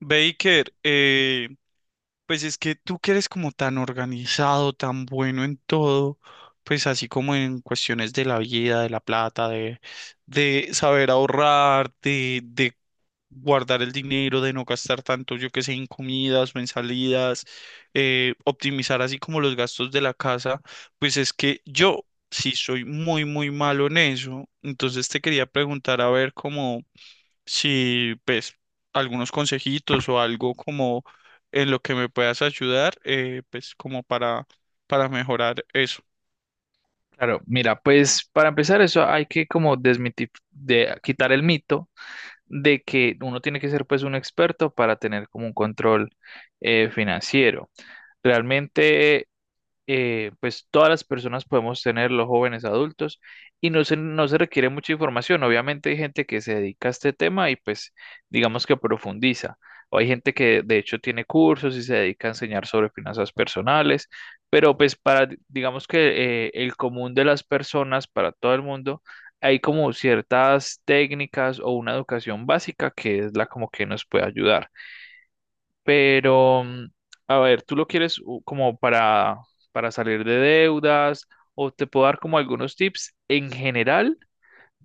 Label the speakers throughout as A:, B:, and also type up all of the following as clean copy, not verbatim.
A: Baker, pues es que tú que eres como tan organizado, tan bueno en todo, pues así como en cuestiones de la vida, de la plata, de saber ahorrar, de guardar el dinero, de no gastar tanto, yo que sé, en comidas o en salidas, optimizar así como los gastos de la casa, pues es que yo sí soy muy, muy malo en eso. Entonces te quería preguntar a ver cómo si pues algunos consejitos o algo como en lo que me puedas ayudar, pues como para mejorar eso.
B: Claro, mira, pues para empezar eso hay que como desmitif de quitar el mito de que uno tiene que ser pues un experto para tener como un control financiero. Realmente, pues todas las personas podemos tener, los jóvenes adultos, y no se requiere mucha información. Obviamente hay gente que se dedica a este tema y pues digamos que profundiza. O hay gente que de hecho tiene cursos y se dedica a enseñar sobre finanzas personales, pero pues para, digamos que el común de las personas, para todo el mundo, hay como ciertas técnicas o una educación básica que es la como que nos puede ayudar. Pero, a ver, ¿tú lo quieres como para salir de deudas? ¿O te puedo dar como algunos tips en general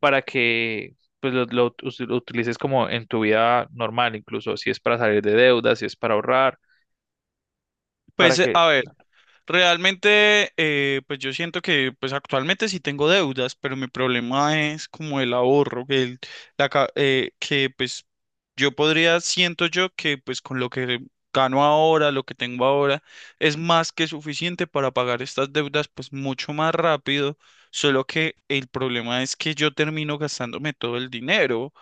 B: para que pues, lo utilices como en tu vida normal, incluso si es para salir de deudas, si es para ahorrar, para
A: Pues
B: que.
A: a ver. Realmente, pues yo siento que pues actualmente sí tengo deudas, pero mi problema es como el ahorro, que, el- la, ca- que pues yo podría, siento yo que pues con lo que gano ahora, lo que tengo ahora, es más que suficiente para pagar estas deudas pues mucho más rápido, solo que el problema es que yo termino gastándome todo el dinero.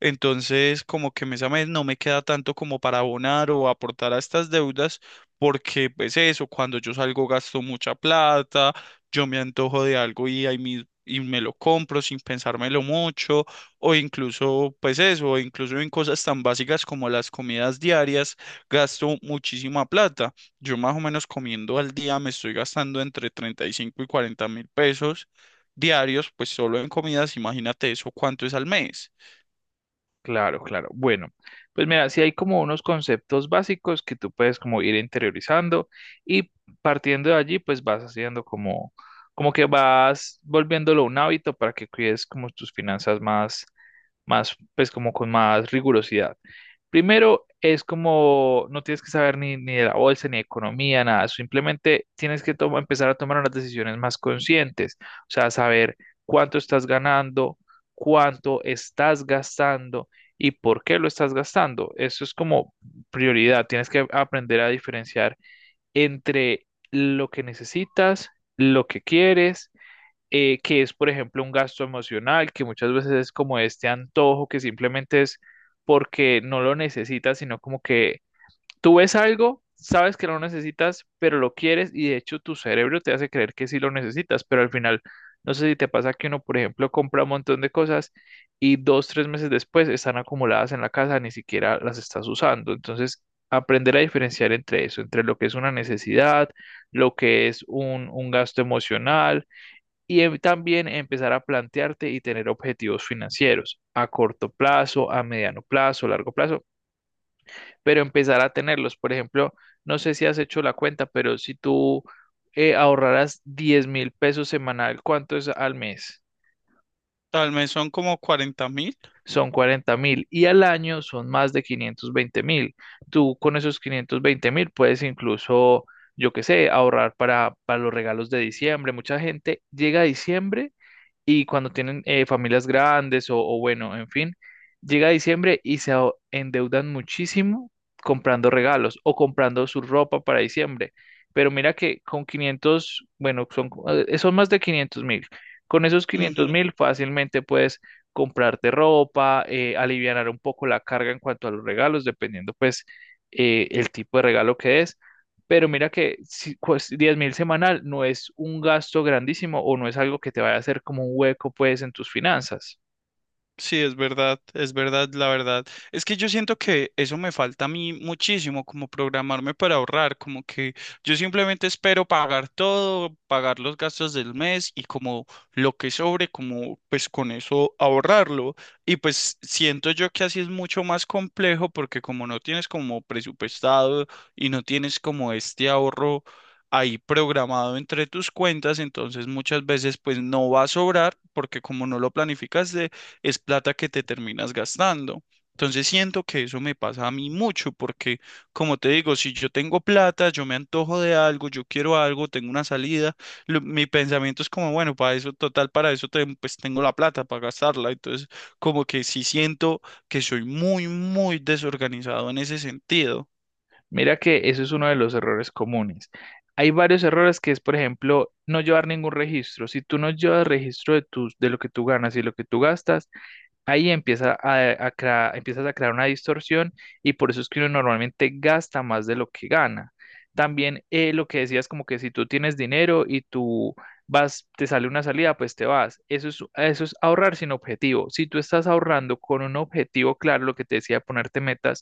A: Entonces, como que mes a mes no me queda tanto como para abonar o aportar a estas deudas porque pues eso, cuando yo salgo gasto mucha plata, yo me antojo de algo y ahí y me lo compro sin pensármelo mucho, o incluso pues eso, o incluso en cosas tan básicas como las comidas diarias, gasto muchísima plata. Yo más o menos comiendo al día me estoy gastando entre 35 y 40 mil pesos diarios, pues solo en comidas, imagínate eso, ¿cuánto es al mes?
B: Claro, claro. Bueno, pues mira, si hay como unos conceptos básicos que tú puedes como ir interiorizando y partiendo de allí, pues vas haciendo como, como que vas volviéndolo un hábito para que cuides como tus finanzas más, pues como con más rigurosidad. Primero, es como no tienes que saber ni de la bolsa, ni de economía, nada. Simplemente tienes que empezar a tomar unas decisiones más conscientes. O sea, saber cuánto estás ganando, cuánto estás gastando y por qué lo estás gastando. Eso es como prioridad. Tienes que aprender a diferenciar entre lo que necesitas, lo que quieres, que es, por ejemplo, un gasto emocional, que muchas veces es como este antojo que simplemente es porque no lo necesitas, sino como que tú ves algo, sabes que no lo necesitas, pero lo quieres y de hecho tu cerebro te hace creer que sí lo necesitas, pero al final, no sé si te pasa que uno, por ejemplo, compra un montón de cosas y 2, 3 meses después están acumuladas en la casa, ni siquiera las estás usando. Entonces, aprender a diferenciar entre eso, entre lo que es una necesidad, lo que es un gasto emocional y también empezar a plantearte y tener objetivos financieros a corto plazo, a mediano plazo, largo plazo, pero empezar a tenerlos. Por ejemplo, no sé si has hecho la cuenta, pero si tú ahorraras 10.000 pesos semanal, ¿cuánto es al mes?
A: Al mes son como 40 mil.
B: Son 40.000 y al año son más de 520.000. Tú con esos 520.000 puedes incluso, yo qué sé, ahorrar para los regalos de diciembre. Mucha gente llega a diciembre y cuando tienen familias grandes o bueno, en fin, llega diciembre y se endeudan muchísimo comprando regalos o comprando su ropa para diciembre. Pero mira que con quinientos, bueno, son más de 500.000. Con esos 500.000 fácilmente puedes comprarte ropa, alivianar un poco la carga en cuanto a los regalos, dependiendo pues el tipo de regalo que es. Pero mira que si, pues, 10 mil semanal no es un gasto grandísimo o no es algo que te vaya a hacer como un hueco pues en tus finanzas.
A: Sí, es verdad, la verdad. Es que yo siento que eso me falta a mí muchísimo, como programarme para ahorrar, como que yo simplemente espero pagar todo, pagar los gastos del mes y como lo que sobre, como pues con eso ahorrarlo. Y pues siento yo que así es mucho más complejo porque como no tienes como presupuestado y no tienes como este ahorro ahí programado entre tus cuentas, entonces muchas veces pues no va a sobrar porque como no lo planificas es plata que te terminas gastando. Entonces siento que eso me pasa a mí mucho porque, como te digo, si yo tengo plata, yo me antojo de algo, yo quiero algo, tengo una salida, mi pensamiento es como, bueno, para eso, total, para eso pues tengo la plata para gastarla. Entonces, como que sí siento que soy muy, muy desorganizado en ese sentido.
B: Mira que eso es uno de los errores comunes. Hay varios errores que es, por ejemplo, no llevar ningún registro. Si tú no llevas registro de lo que tú ganas y lo que tú gastas, ahí empiezas a crear una distorsión y por eso es que uno normalmente gasta más de lo que gana. También, lo que decías, como que si tú tienes dinero y tú vas, te sale una salida, pues te vas. Eso es ahorrar sin objetivo. Si tú estás ahorrando con un objetivo claro, lo que te decía, ponerte metas,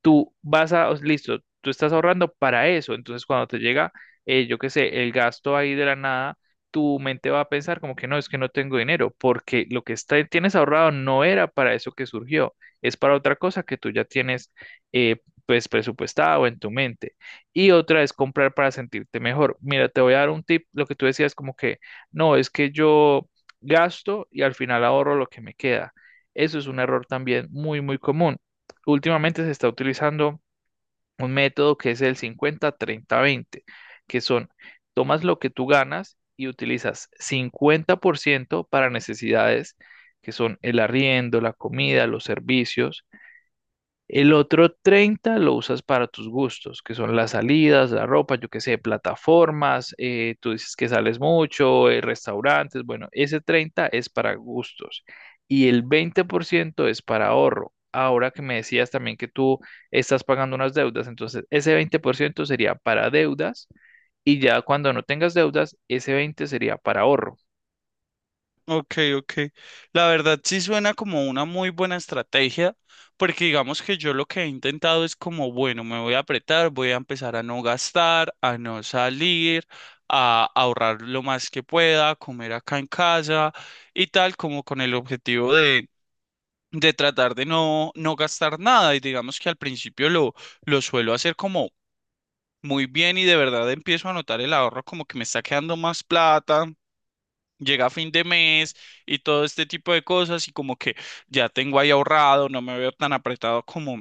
B: tú vas a, listo, tú estás ahorrando para eso, entonces cuando te llega, yo qué sé, el gasto ahí de la nada, tu mente va a pensar como que no, es que no tengo dinero, porque lo que está, tienes ahorrado no era para eso que surgió, es para otra cosa que tú ya tienes eh, pues presupuestado en tu mente. Y otra es comprar para sentirte mejor. Mira, te voy a dar un tip, lo que tú decías como que no, es que yo gasto y al final ahorro lo que me queda. Eso es un error también muy, muy común. Últimamente se está utilizando un método que es el 50-30-20, que son tomas lo que tú ganas y utilizas 50% para necesidades, que son el arriendo, la comida, los servicios; el otro 30 lo usas para tus gustos, que son las salidas, la ropa, yo qué sé, plataformas, tú dices que sales mucho, restaurantes, bueno, ese 30 es para gustos, y el 20% es para ahorro. Ahora que me decías también que tú estás pagando unas deudas, entonces ese 20% sería para deudas y ya cuando no tengas deudas, ese 20 sería para ahorro.
A: Ok, ok. La verdad sí suena como una muy buena estrategia, porque digamos que yo lo que he intentado es como, bueno, me voy a apretar, voy a empezar a no gastar, a no salir, a ahorrar lo más que pueda, a comer acá en casa y tal, como con el objetivo de, tratar de no, no gastar nada. Y digamos que al principio lo suelo hacer como muy bien y de verdad empiezo a notar el ahorro como que me está quedando más plata, llega fin de mes y todo este tipo de cosas y como que ya tengo ahí ahorrado, no me veo tan apretado como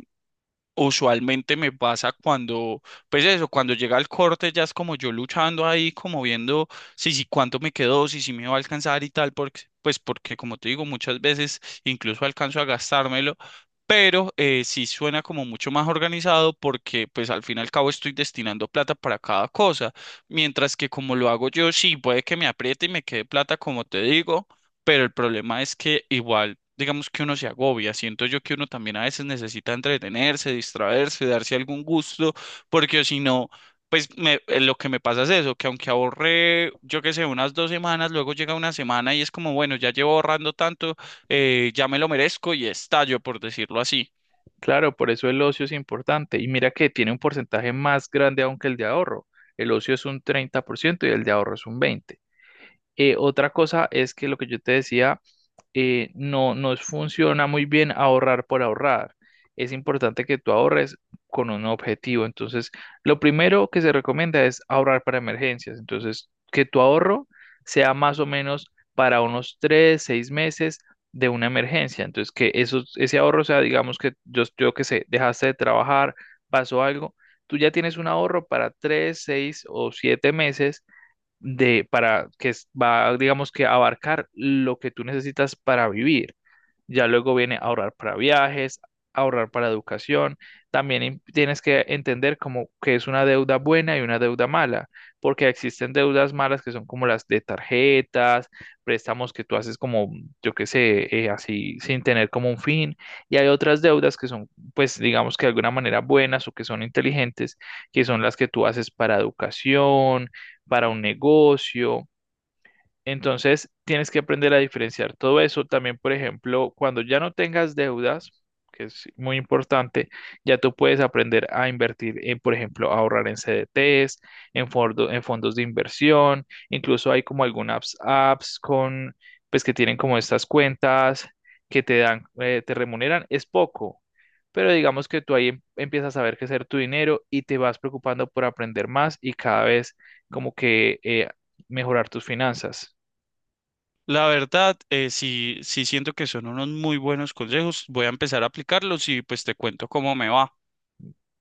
A: usualmente me pasa cuando, pues eso, cuando llega el corte ya es como yo luchando ahí, como viendo si cuánto me quedó, si me va a alcanzar y tal, porque, pues porque como te digo, muchas veces incluso alcanzo a gastármelo, pero sí suena como mucho más organizado porque pues al fin y al cabo estoy destinando plata para cada cosa, mientras que como lo hago yo, sí, puede que me apriete y me quede plata, como te digo, pero el problema es que igual, digamos que uno se agobia, siento yo que uno también a veces necesita entretenerse, distraerse, darse algún gusto, porque si no, pues lo que me pasa es eso, que aunque ahorré, yo qué sé, unas dos semanas, luego llega una semana y es como, bueno, ya llevo ahorrando tanto, ya me lo merezco y estallo, por decirlo así.
B: Claro, por eso el ocio es importante. Y mira que tiene un porcentaje más grande aún que el de ahorro. El ocio es un 30% y el de ahorro es un 20%. Otra cosa es que lo que yo te decía, no nos funciona muy bien ahorrar por ahorrar. Es importante que tú ahorres con un objetivo. Entonces, lo primero que se recomienda es ahorrar para emergencias. Entonces, que tu ahorro sea más o menos para unos 3, 6 meses de una emergencia. Entonces, que eso, ese ahorro sea, digamos que yo que sé, dejaste de trabajar, pasó algo, tú ya tienes un ahorro para 3, 6 o 7 meses de para que es- va, digamos que abarcar lo que tú necesitas para vivir. Ya luego viene ahorrar para viajes, ahorrar para educación. También tienes que entender como que es una deuda buena y una deuda mala, porque existen deudas malas que son como las de tarjetas, préstamos que tú haces como, yo qué sé, así sin tener como un fin. Y hay otras deudas que son, pues digamos que de alguna manera buenas o que son inteligentes, que son las que tú haces para educación, para un negocio. Entonces, tienes que aprender a diferenciar todo eso. También, por ejemplo, cuando ya no tengas deudas, que es muy importante, ya tú puedes aprender a invertir en, por ejemplo, ahorrar en CDTs, en fondos de inversión. Incluso hay como algunas apps con, pues, que tienen como estas cuentas que te dan, te remuneran. Es poco, pero digamos que tú ahí empiezas a ver qué hacer tu dinero y te vas preocupando por aprender más y cada vez como que mejorar tus finanzas.
A: La verdad, sí, sí siento que son unos muy buenos consejos, voy a empezar a aplicarlos y pues te cuento cómo me va.